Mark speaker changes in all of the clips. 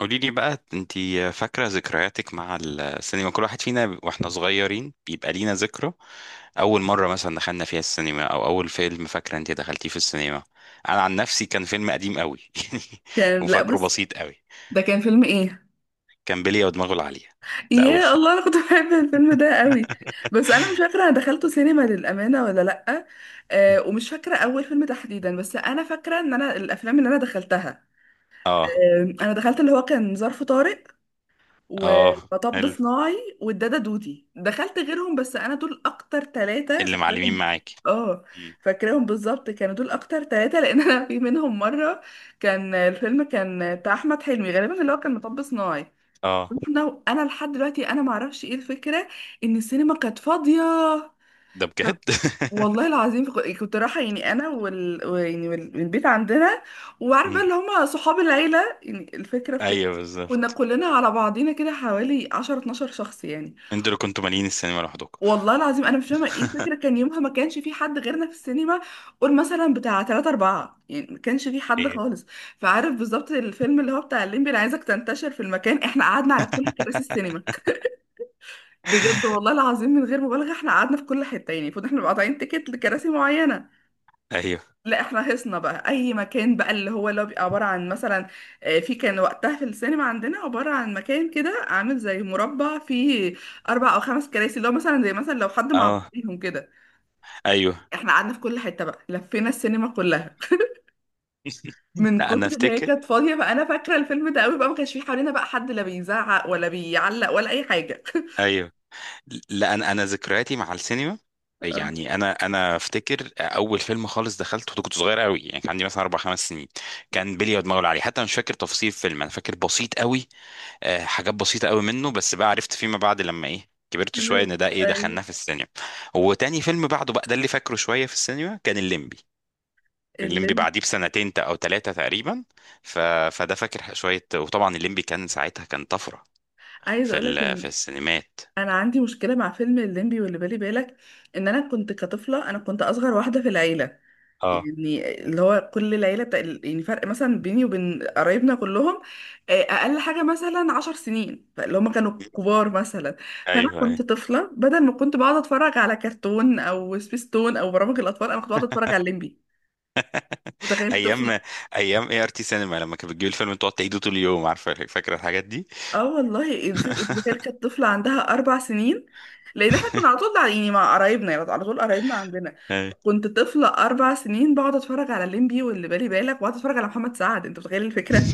Speaker 1: قولي لي بقى، انتي فاكرة ذكرياتك مع السينما؟ كل واحد فينا واحنا صغيرين بيبقى لينا ذكرى. أول مرة مثلا دخلنا فيها السينما، أو أول فيلم فاكرة انتي دخلتيه في السينما. أنا عن نفسي كان فيلم قديم قوي يعني،
Speaker 2: كان لا
Speaker 1: وفاكره
Speaker 2: بس.
Speaker 1: بسيط قوي.
Speaker 2: ده كان فيلم ايه؟
Speaker 1: كان بلية ودماغه العالية. ده أول
Speaker 2: يا
Speaker 1: فيلم.
Speaker 2: الله، انا كنت بحب الفيلم ده قوي. بس انا مش فاكره انا دخلته سينما للامانه ولا لا. آه، ومش فاكره اول فيلم تحديدا، بس انا فاكره ان انا الافلام اللي انا دخلتها،
Speaker 1: اه،
Speaker 2: آه، انا دخلت اللي هو كان ظرف طارق
Speaker 1: اه
Speaker 2: ومطب
Speaker 1: حلو،
Speaker 2: صناعي والدادا دودي. دخلت غيرهم بس انا دول اكتر ثلاثه
Speaker 1: اللي معلمين
Speaker 2: فاكراهم.
Speaker 1: معاكي.
Speaker 2: اه،
Speaker 1: مم.
Speaker 2: فاكراهم بالظبط. كانوا دول اكتر ثلاثه لان انا في منهم مره كان الفيلم كان بتاع احمد حلمي غالبا، اللي هو كان مطب صناعي.
Speaker 1: اه،
Speaker 2: لو انا لحد دلوقتي انا ما اعرفش ايه الفكره، ان السينما كانت فاضيه.
Speaker 1: ده
Speaker 2: ف-
Speaker 1: بجد؟
Speaker 2: والله العظيم كنت رايحه يعني انا والبيت عندنا وعارفه
Speaker 1: مم.
Speaker 2: اللي هم صحاب العيله، يعني الفكره في كده.
Speaker 1: ايوه
Speaker 2: كنا
Speaker 1: بالظبط.
Speaker 2: كلنا على بعضينا كده حوالي 10 12 شخص يعني.
Speaker 1: انتوا اللي كنتوا مالين السينما لوحدكم؟
Speaker 2: والله العظيم انا مش فاهمه ايه الفكره، كان يومها ما كانش في حد غيرنا في السينما. قول مثلا بتاع 3 4، يعني ما كانش في حد
Speaker 1: ايه،
Speaker 2: خالص. فعارف بالظبط الفيلم اللي هو بتاع الليمبي، انا عايزك تنتشر في المكان، احنا قعدنا على كل كراسي السينما. بجد والله العظيم من غير مبالغه، احنا قعدنا في كل حته. يعني المفروض احنا نبقى قاطعين تيكت لكراسي معينه،
Speaker 1: ايوه،
Speaker 2: لا احنا حصنا بقى اي مكان بقى، اللي هو بيبقى عباره عن مثلا، آه، في كان وقتها في السينما عندنا عباره عن مكان كده عامل زي مربع، فيه اربع او خمس كراسي، اللي هو مثلا زي مثلا لو حد مع
Speaker 1: اه،
Speaker 2: بعضيهم كده.
Speaker 1: ايوه.
Speaker 2: احنا قعدنا في كل حته بقى، لفينا السينما كلها من
Speaker 1: لا انا
Speaker 2: كتر ما هي
Speaker 1: افتكر،
Speaker 2: كانت فاضيه بقى. انا فاكره الفيلم ده قوي بقى، ما كانش فيه حوالينا بقى حد لا بيزعق ولا بيعلق ولا اي حاجه.
Speaker 1: ايوه. لا، انا ذكرياتي مع السينما،
Speaker 2: اه،
Speaker 1: يعني انا افتكر اول فيلم خالص دخلته، كنت صغير قوي، يعني كان عندي مثلا اربع خمس سنين. كان بلي ودماغه العالي، حتى مش فاكر تفاصيل الفيلم، انا فاكر بسيط قوي. حاجات بسيطه قوي منه، بس بقى عرفت فيما بعد لما ايه كبرت شويه
Speaker 2: كده.
Speaker 1: ان ده ايه
Speaker 2: ايوه،
Speaker 1: دخلناه في السينما. وتاني فيلم بعده بقى ده اللي فاكره شويه في السينما كان الليمبي. الليمبي
Speaker 2: اللي
Speaker 1: بعديه بسنتين او ثلاثه تقريبا. ف... فده فاكر شويه. وطبعا الليمبي كان ساعتها كان طفره
Speaker 2: عايزه
Speaker 1: في
Speaker 2: اقول لك
Speaker 1: في
Speaker 2: ان
Speaker 1: السينمات.
Speaker 2: انا عندي مشكله مع فيلم الليمبي واللي بالي بالك. ان انا كنت كطفله، انا كنت اصغر واحده في العيله.
Speaker 1: اه
Speaker 2: يعني اللي هو كل العيله بتاع، يعني فرق مثلا بيني وبين قرايبنا كلهم، آه، اقل حاجه مثلا عشر سنين، فاللي هم كانوا كبار مثلا. فانا
Speaker 1: ايوه،
Speaker 2: كنت طفله بدل ما كنت بقعد اتفرج على كرتون او سبيستون او برامج الاطفال، انا كنت بقعد اتفرج على الليمبي. متخيل
Speaker 1: ايام،
Speaker 2: طفل؟
Speaker 1: ايام اي ار تي سينما لما كانت بتجيب الفيلم تقعد تعيده طول اليوم، عارفه؟ فاكره الحاجات دي.
Speaker 2: اه والله، الفكرة كانت طفلة عندها أربع سنين. لأن احنا كنا على طول يعني مع قرايبنا، يعني على طول قرايبنا عندنا.
Speaker 1: أيوة.
Speaker 2: كنت طفلة أربع سنين بقعد أتفرج على الليمبي واللي بالي بالك، وأقعد أتفرج على محمد سعد. أنت متخيل الفكرة؟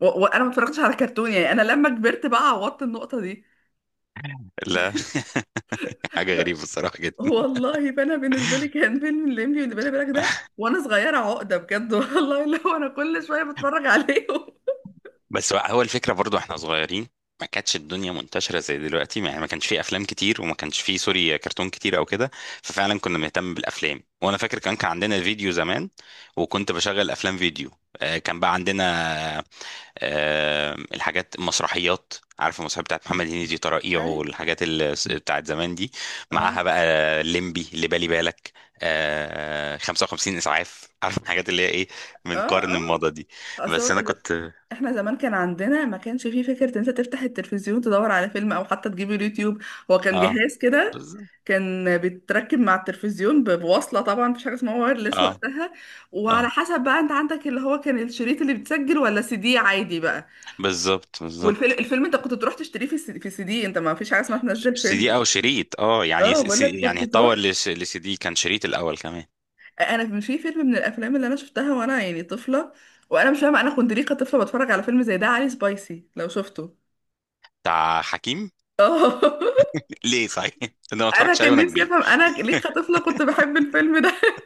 Speaker 2: وأنا ما اتفرجتش على كرتون. يعني أنا لما كبرت بقى عوضت النقطة دي.
Speaker 1: لا. حاجه غريبه الصراحه جدا.
Speaker 2: والله فأنا بالنسبة لي كان فيلم الليمبي واللي بالي بالك ده وأنا صغيرة عقدة بجد. والله اللي هو أنا كل شوية بتفرج عليهم.
Speaker 1: بس هو هو الفكره برضو احنا صغيرين، ما كانتش الدنيا منتشره زي دلوقتي، يعني ما كانش فيه افلام كتير، وما كانش فيه سوري كرتون كتير او كده. ففعلا كنا بنهتم بالافلام. وانا فاكر كان عندنا فيديو زمان، وكنت بشغل افلام فيديو. كان بقى عندنا، الحاجات المسرحيات. عارف المسرحيات بتاعت محمد هنيدي طرائيعه،
Speaker 2: أي،
Speaker 1: والحاجات اللي بتاعت زمان دي،
Speaker 2: اه،
Speaker 1: معاها بقى ليمبي اللي بالي بالك، آه 55 اسعاف. عارف الحاجات اللي هي ايه؟ من
Speaker 2: اه،
Speaker 1: قرن
Speaker 2: اه،
Speaker 1: الماضي دي. بس انا
Speaker 2: اصل
Speaker 1: كنت،
Speaker 2: احنا زمان كان عندنا، ما كانش فيه فكرة ان انت تفتح التلفزيون تدور على فيلم او حتى تجيب اليوتيوب. هو كان
Speaker 1: اه
Speaker 2: جهاز كده
Speaker 1: بالظبط.
Speaker 2: كان بيتركب مع التلفزيون بوصلة، طبعا مفيش حاجة اسمها وايرلس
Speaker 1: اه
Speaker 2: وقتها.
Speaker 1: اه،
Speaker 2: وعلى حسب بقى انت عندك، اللي هو كان الشريط اللي بتسجل، ولا سي دي عادي بقى.
Speaker 1: بالظبط
Speaker 2: والفيلم،
Speaker 1: بالظبط.
Speaker 2: الفيلم انت كنت تروح تشتريه في في سي دي، انت ما فيش حاجة اسمها تنزل
Speaker 1: سي
Speaker 2: فيلم.
Speaker 1: دي او شريط، اه يعني
Speaker 2: اه بقول لك،
Speaker 1: يعني
Speaker 2: كنت تروح.
Speaker 1: اتطور لسي دي، كان شريط الاول كمان.
Speaker 2: انا في فيلم من الافلام اللي انا شفتها وانا يعني طفلة، وانا مش فاهمة انا كنت ليه كطفلة بتفرج على فيلم زي ده، علي سبايسي لو شفته.
Speaker 1: بتاع حكيم؟
Speaker 2: اه
Speaker 1: ليه صحيح؟ انا ما
Speaker 2: انا
Speaker 1: اتفرجتش عليه
Speaker 2: كان
Speaker 1: وانا
Speaker 2: نفسي
Speaker 1: كبير.
Speaker 2: افهم انا ليه كطفله كنت بحب الفيلم ده.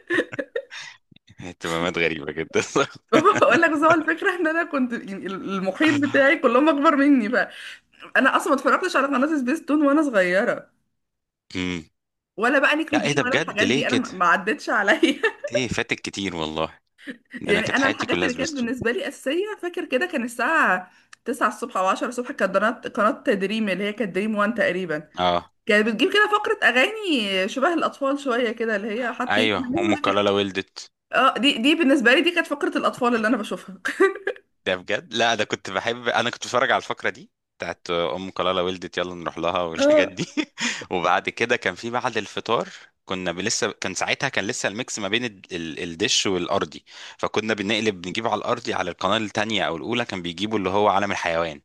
Speaker 1: اهتمامات غريبه جدا.
Speaker 2: بقول لك بس هو الفكره ان انا كنت يعني المحيط بتاعي كلهم اكبر مني. فانا اصلا ما اتفرجتش على قناه سبيس تون وانا صغيره،
Speaker 1: امم.
Speaker 2: ولا بقى
Speaker 1: لا ايه
Speaker 2: نيكلوديان
Speaker 1: ده
Speaker 2: ولا
Speaker 1: بجد،
Speaker 2: الحاجات
Speaker 1: ليه
Speaker 2: دي، انا
Speaker 1: كده؟
Speaker 2: ما عدتش عليا.
Speaker 1: ايه فاتك كتير والله، ده انا
Speaker 2: يعني
Speaker 1: كانت
Speaker 2: انا
Speaker 1: حياتي
Speaker 2: الحاجات
Speaker 1: كلها
Speaker 2: اللي كانت
Speaker 1: سبيستون.
Speaker 2: بالنسبه لي اساسيه، فاكر كده كان الساعه 9 الصبح او 10 الصبح، كانت قناه دريم، اللي هي كانت دريم 1 تقريبا.
Speaker 1: اه
Speaker 2: كانت بتجيب كده فقره اغاني شبه الاطفال شويه كده، اللي هي حطيت انا
Speaker 1: ايوه،
Speaker 2: من
Speaker 1: ام
Speaker 2: هنا كده.
Speaker 1: كلالا ولدت.
Speaker 2: اه، دي بالنسبه لي دي كانت فقره الاطفال اللي انا بشوفها.
Speaker 1: ده بجد؟ لا ده كنت بحب، انا كنت بتفرج على الفقره دي بتاعت ام كلالا ولدت، يلا نروح لها، والحاجات دي. وبعد كده كان في بعد الفطار، لسه كان ساعتها كان لسه الميكس ما بين الدش والارضي. فكنا بنقلب، بنجيب على الارضي على القناه التانية او الاولى، كان بيجيبوا اللي هو عالم الحيوان.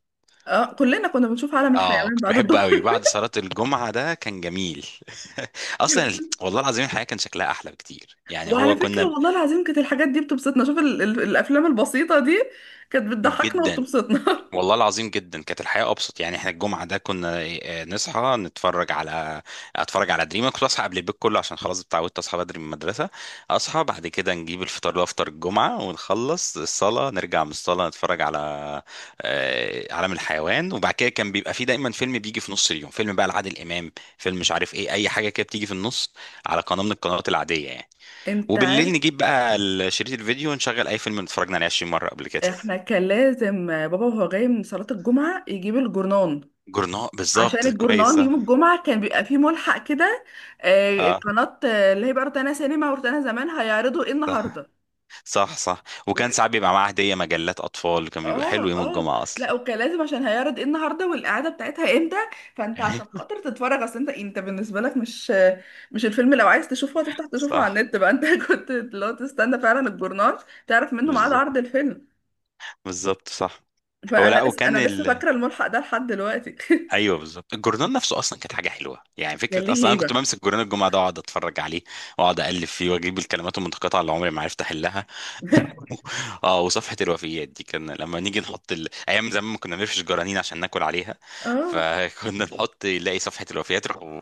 Speaker 2: اه، كلنا كنا بنشوف عالم
Speaker 1: اه
Speaker 2: الحيوان
Speaker 1: كنت
Speaker 2: بعد
Speaker 1: بحبه
Speaker 2: الظهر.
Speaker 1: قوي بعد صلاة الجمعة، ده كان جميل. اصلا والله العظيم الحياة كان شكلها احلى بكتير، يعني
Speaker 2: وعلى
Speaker 1: هو
Speaker 2: فكرة،
Speaker 1: كنا،
Speaker 2: والله العظيم كانت الحاجات دي بتبسطنا. شوف ال الأفلام البسيطة دي كانت بتضحكنا
Speaker 1: جدا.
Speaker 2: وبتبسطنا.
Speaker 1: والله العظيم جدا كانت الحياة أبسط. يعني احنا الجمعة ده كنا، نصحى نتفرج على، أتفرج على دريمة، كنت أصحى قبل البيت كله عشان خلاص اتعودت أصحى بدري من المدرسة. أصحى، بعد كده نجيب الفطار اللي هو فطار الجمعة، ونخلص الصلاة، نرجع من الصلاة نتفرج على، عالم الحيوان. وبعد كده كان بيبقى فيه دايما فيلم بيجي في نص اليوم، فيلم بقى لعادل إمام، فيلم مش عارف إيه، أي حاجة كده بتيجي في النص، على قناة من القنوات العادية يعني.
Speaker 2: انت
Speaker 1: وبالليل
Speaker 2: عارف،
Speaker 1: نجيب بقى شريط الفيديو ونشغل أي فيلم اتفرجنا عليه 20 مرة قبل كده.
Speaker 2: احنا كان لازم بابا وهو جاي من صلاة الجمعة يجيب الجورنان.
Speaker 1: جورنال
Speaker 2: عشان
Speaker 1: بالظبط، كويس
Speaker 2: الجورنان
Speaker 1: آه.
Speaker 2: يوم الجمعة كان بيبقى فيه ملحق كده، آه، قناة، آه، اللي هي بقى روتانا سينما وروتانا زمان هيعرضوا ايه
Speaker 1: صح،
Speaker 2: النهاردة.
Speaker 1: صح صح. وكان ساعات بيبقى معاه هدية مجلات أطفال، كان بيبقى
Speaker 2: اه،
Speaker 1: حلو يوم
Speaker 2: اه،
Speaker 1: الجمعة
Speaker 2: لا
Speaker 1: أصلا.
Speaker 2: اوكي لازم، عشان هيعرض ايه النهارده، والاعاده بتاعتها امتى. فانت عشان خاطر تتفرج، اصل انت بالنسبه لك مش، الفيلم لو عايز تشوفه هتفتح تشوفه على
Speaker 1: صح،
Speaker 2: النت بقى انت. كنت لو تستنى فعلا الجورنال، تعرف منه ميعاد
Speaker 1: بالظبط،
Speaker 2: عرض الفيلم.
Speaker 1: بالظبط صح. هو
Speaker 2: فانا
Speaker 1: لا
Speaker 2: لسه، انا
Speaker 1: وكان
Speaker 2: لسه
Speaker 1: ال،
Speaker 2: فاكره الملحق ده لحد دلوقتي.
Speaker 1: ايوه بالظبط. الجورنال نفسه اصلا كانت حاجه حلوه يعني،
Speaker 2: ده
Speaker 1: فكره
Speaker 2: ليه
Speaker 1: اصلا انا كنت
Speaker 2: هيبه.
Speaker 1: بمسك جورنال الجمعه ده واقعد اتفرج عليه، واقعد اقلب فيه، واجيب الكلمات المتقاطعه اللي عمري ما عرفت احلها. اه وصفحه الوفيات دي كان لما نيجي نحط ايام زمان ما كنا بنفرش جرانين عشان ناكل عليها،
Speaker 2: اه،
Speaker 1: فكنا نحط نلاقي صفحه الوفيات، يروحوا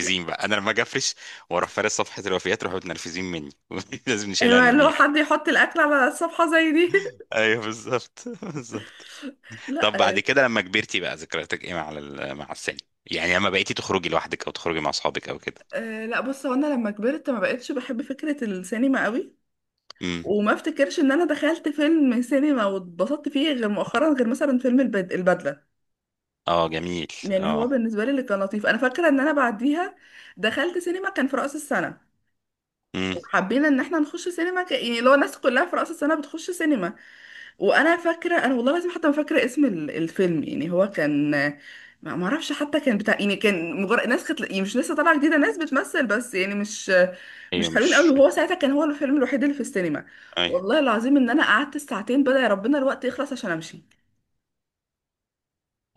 Speaker 2: لا،
Speaker 1: بقى، انا لما اجي افرش واروح فارس صفحه الوفيات يروحوا متنرفزين مني. لازم نشيلها
Speaker 2: ايوه، اللي هو حد
Speaker 1: نرميها.
Speaker 2: يحط الاكل على الصفحه زي دي.
Speaker 1: ايوه بالظبط، بالظبط.
Speaker 2: لا،
Speaker 1: طب بعد
Speaker 2: آه،
Speaker 1: كده لما كبرتي بقى، ذكرياتك ايه مع مع السينما؟ يعني لما بقيتي تخرجي لوحدك، او تخرجي مع اصحابك، او كده.
Speaker 2: آه، لا بص، هو انا لما كبرت ما بقتش بحب فكره السينما قوي.
Speaker 1: امم.
Speaker 2: وما افتكرش ان انا دخلت فيلم سينما واتبسطت فيه غير مؤخرا، غير مثلا فيلم البدلة.
Speaker 1: اه جميل.
Speaker 2: يعني هو
Speaker 1: اه.
Speaker 2: بالنسبة لي اللي كان لطيف، انا فاكرة ان انا بعديها دخلت سينما كان في رأس السنة،
Speaker 1: امم.
Speaker 2: وحبينا ان احنا نخش سينما، يعني لو الناس كلها في رأس السنة بتخش سينما. وانا فاكره، انا والله لازم حتى فاكره اسم الفيلم. يعني هو كان، ما اعرفش، حتى كان بتاع، يعني كان مجرد ناس كانت يعني مش لسه طالعه جديده، ناس بتمثل بس يعني مش،
Speaker 1: ايوه
Speaker 2: حلوين قوي،
Speaker 1: مش.
Speaker 2: وهو ساعتها كان هو الفيلم الوحيد اللي في السينما.
Speaker 1: ايوه،
Speaker 2: والله العظيم ان انا قعدت الساعتين بدأ يا ربنا الوقت يخلص عشان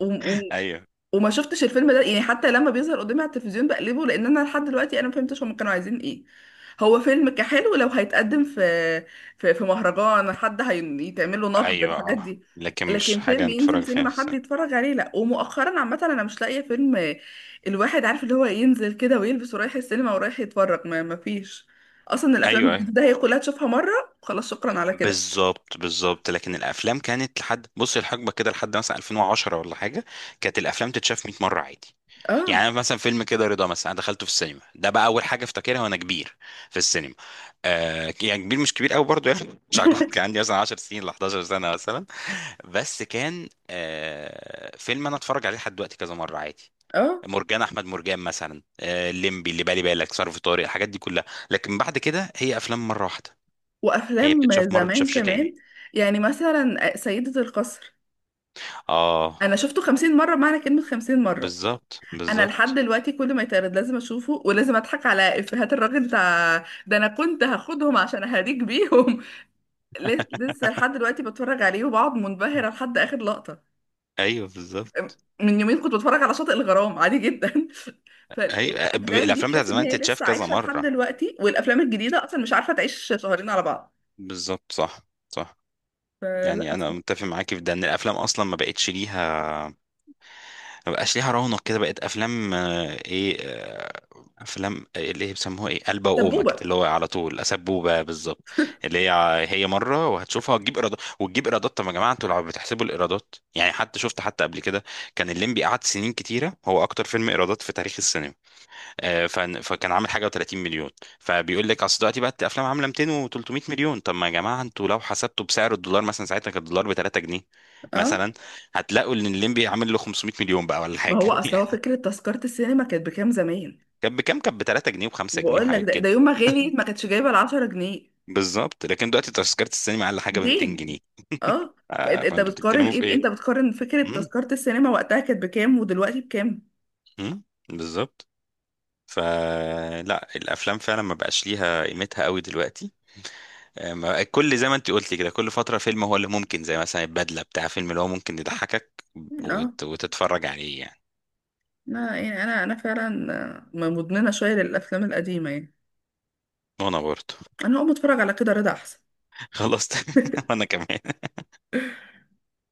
Speaker 2: امشي.
Speaker 1: ايوه،
Speaker 2: وما شفتش الفيلم ده، يعني حتى لما بيظهر قدامي على التلفزيون بقلبه، لان انا لحد دلوقتي انا ما فهمتش هم كانوا عايزين ايه. هو فيلم كحلو لو هيتقدم في، في مهرجان حد هيتعمل له نقد
Speaker 1: ايوه،
Speaker 2: الحاجات
Speaker 1: اه.
Speaker 2: دي.
Speaker 1: لكن مش
Speaker 2: لكن فيلم
Speaker 1: حاجه
Speaker 2: ينزل
Speaker 1: نتفرج فيها
Speaker 2: سينما
Speaker 1: في
Speaker 2: حد
Speaker 1: السينما.
Speaker 2: يتفرج عليه لا، ومؤخرا عامه انا مش لاقيه فيلم الواحد عارف اللي هو ينزل كده ويلبس ورايح السينما ورايح يتفرج، ما فيش. اصلا الافلام
Speaker 1: ايوه ايوه،
Speaker 2: الجديده هي كلها تشوفها مره، خلاص شكرا على كده.
Speaker 1: بالظبط بالظبط. لكن الافلام كانت لحد، بصي الحقبه كده، لحد مثلا 2010 ولا حاجه، كانت الافلام تتشاف 100 مره عادي.
Speaker 2: اه
Speaker 1: يعني أنا مثلا فيلم كده رضا مثلا، انا دخلته في السينما، ده بقى اول حاجه افتكرها وانا كبير في السينما. آه يعني كبير مش كبير قوي برضه يعني، مش عجوز، كان عندي مثلا 10 سنين ل 11 سنه مثلا. بس كان آه فيلم انا اتفرج عليه لحد دلوقتي كذا مره عادي.
Speaker 2: اه،
Speaker 1: مرجان احمد مرجان مثلا، آه الليمبي اللي بالي بالك، ظرف طارق، الحاجات دي كلها. لكن بعد كده هي افلام مره واحده، هي
Speaker 2: وافلام
Speaker 1: بتتشاف مره،
Speaker 2: زمان
Speaker 1: بتتشافش
Speaker 2: كمان،
Speaker 1: تاني.
Speaker 2: يعني مثلا، آه، سيدة القصر،
Speaker 1: اه
Speaker 2: انا شفته خمسين مرة. معنى كلمة خمسين مرة،
Speaker 1: بالظبط
Speaker 2: انا لحد
Speaker 1: بالظبط.
Speaker 2: دلوقتي كل ما يتعرض لازم اشوفه ولازم اضحك على افيهات الراجل بتاع ده. انا كنت هاخدهم عشان اهديك بيهم. لسه لحد دلوقتي بتفرج عليه وبقعد منبهرة لحد اخر لقطة.
Speaker 1: ايوه بالظبط.
Speaker 2: من يومين كنت بتفرج على شاطئ الغرام عادي جدا.
Speaker 1: ايوه،
Speaker 2: فالافلام دي
Speaker 1: الافلام بتاعت
Speaker 2: تحس ان
Speaker 1: زمان
Speaker 2: هي
Speaker 1: تتشاف
Speaker 2: لسه
Speaker 1: كذا
Speaker 2: عايشة لحد
Speaker 1: مره.
Speaker 2: دلوقتي، والافلام الجديدة اصلا مش عارفة تعيش شهرين على بعض.
Speaker 1: بالظبط صح، صح.
Speaker 2: فلا،
Speaker 1: يعني انا متفق معاك في ده، ان الافلام اصلا ما بقتش ليها، ما بقاش ليها رونق كده. بقت افلام آه، ايه آه، افلام، اللي هي بيسموها ايه، قلبه وقومه كده،
Speaker 2: سبوبة.
Speaker 1: اللي هو على طول اسبوبه، بالظبط. اللي هي هي مره، وهتشوفها وتجيب ايرادات، وتجيب ايرادات. طب يا جماعه، انتوا لو بتحسبوا الايرادات يعني، حتى شفت حتى قبل كده، كان الليمبي قعد سنين كتيره هو اكتر فيلم ايرادات في تاريخ السينما. فكان عامل حاجه و30 مليون. فبيقول لك اصل دلوقتي بقى الافلام عامله 200 و300 مليون. طب ما يا جماعه انتوا لو حسبتوا بسعر الدولار، مثلا ساعتها كان الدولار ب 3 جنيه
Speaker 2: اه،
Speaker 1: مثلا، هتلاقوا ان الليمبي عامل له 500 مليون بقى ولا
Speaker 2: ما
Speaker 1: حاجه
Speaker 2: هو اصل هو
Speaker 1: يعني.
Speaker 2: فكره تذكره السينما كانت بكام زمان.
Speaker 1: كان بكام؟ كان ب 3 جنيه و5 جنيه
Speaker 2: بقول لك
Speaker 1: وحاجات
Speaker 2: ده،
Speaker 1: كده.
Speaker 2: يوم ما غليت ما كانتش جايبه ال 10 جنيه.
Speaker 1: بالظبط. لكن دلوقتي تذكره السينما اقل حاجه ب 200
Speaker 2: 200.
Speaker 1: جنيه
Speaker 2: اه. فانت،
Speaker 1: فانتوا
Speaker 2: بتقارن
Speaker 1: بتتكلموا
Speaker 2: ايه
Speaker 1: في ايه؟
Speaker 2: انت بتقارن فكره
Speaker 1: مم،
Speaker 2: تذكره السينما وقتها كانت بكام ودلوقتي بكام.
Speaker 1: مم، بالظبط. فلا الافلام فعلا ما بقاش ليها قيمتها قوي دلوقتي. كل زي ما انت قلتي كده، كل فترة فيلم هو اللي ممكن، زي مثلا البدلة بتاع، فيلم اللي هو ممكن يضحكك
Speaker 2: اه،
Speaker 1: وتتفرج عليه يعني.
Speaker 2: لا يعني انا، فعلا، آه، مدمنه شويه للافلام القديمه يعني.
Speaker 1: وانا برضه.
Speaker 2: انا اقوم اتفرج على كده رضا احسن.
Speaker 1: خلاص. وانا كمان.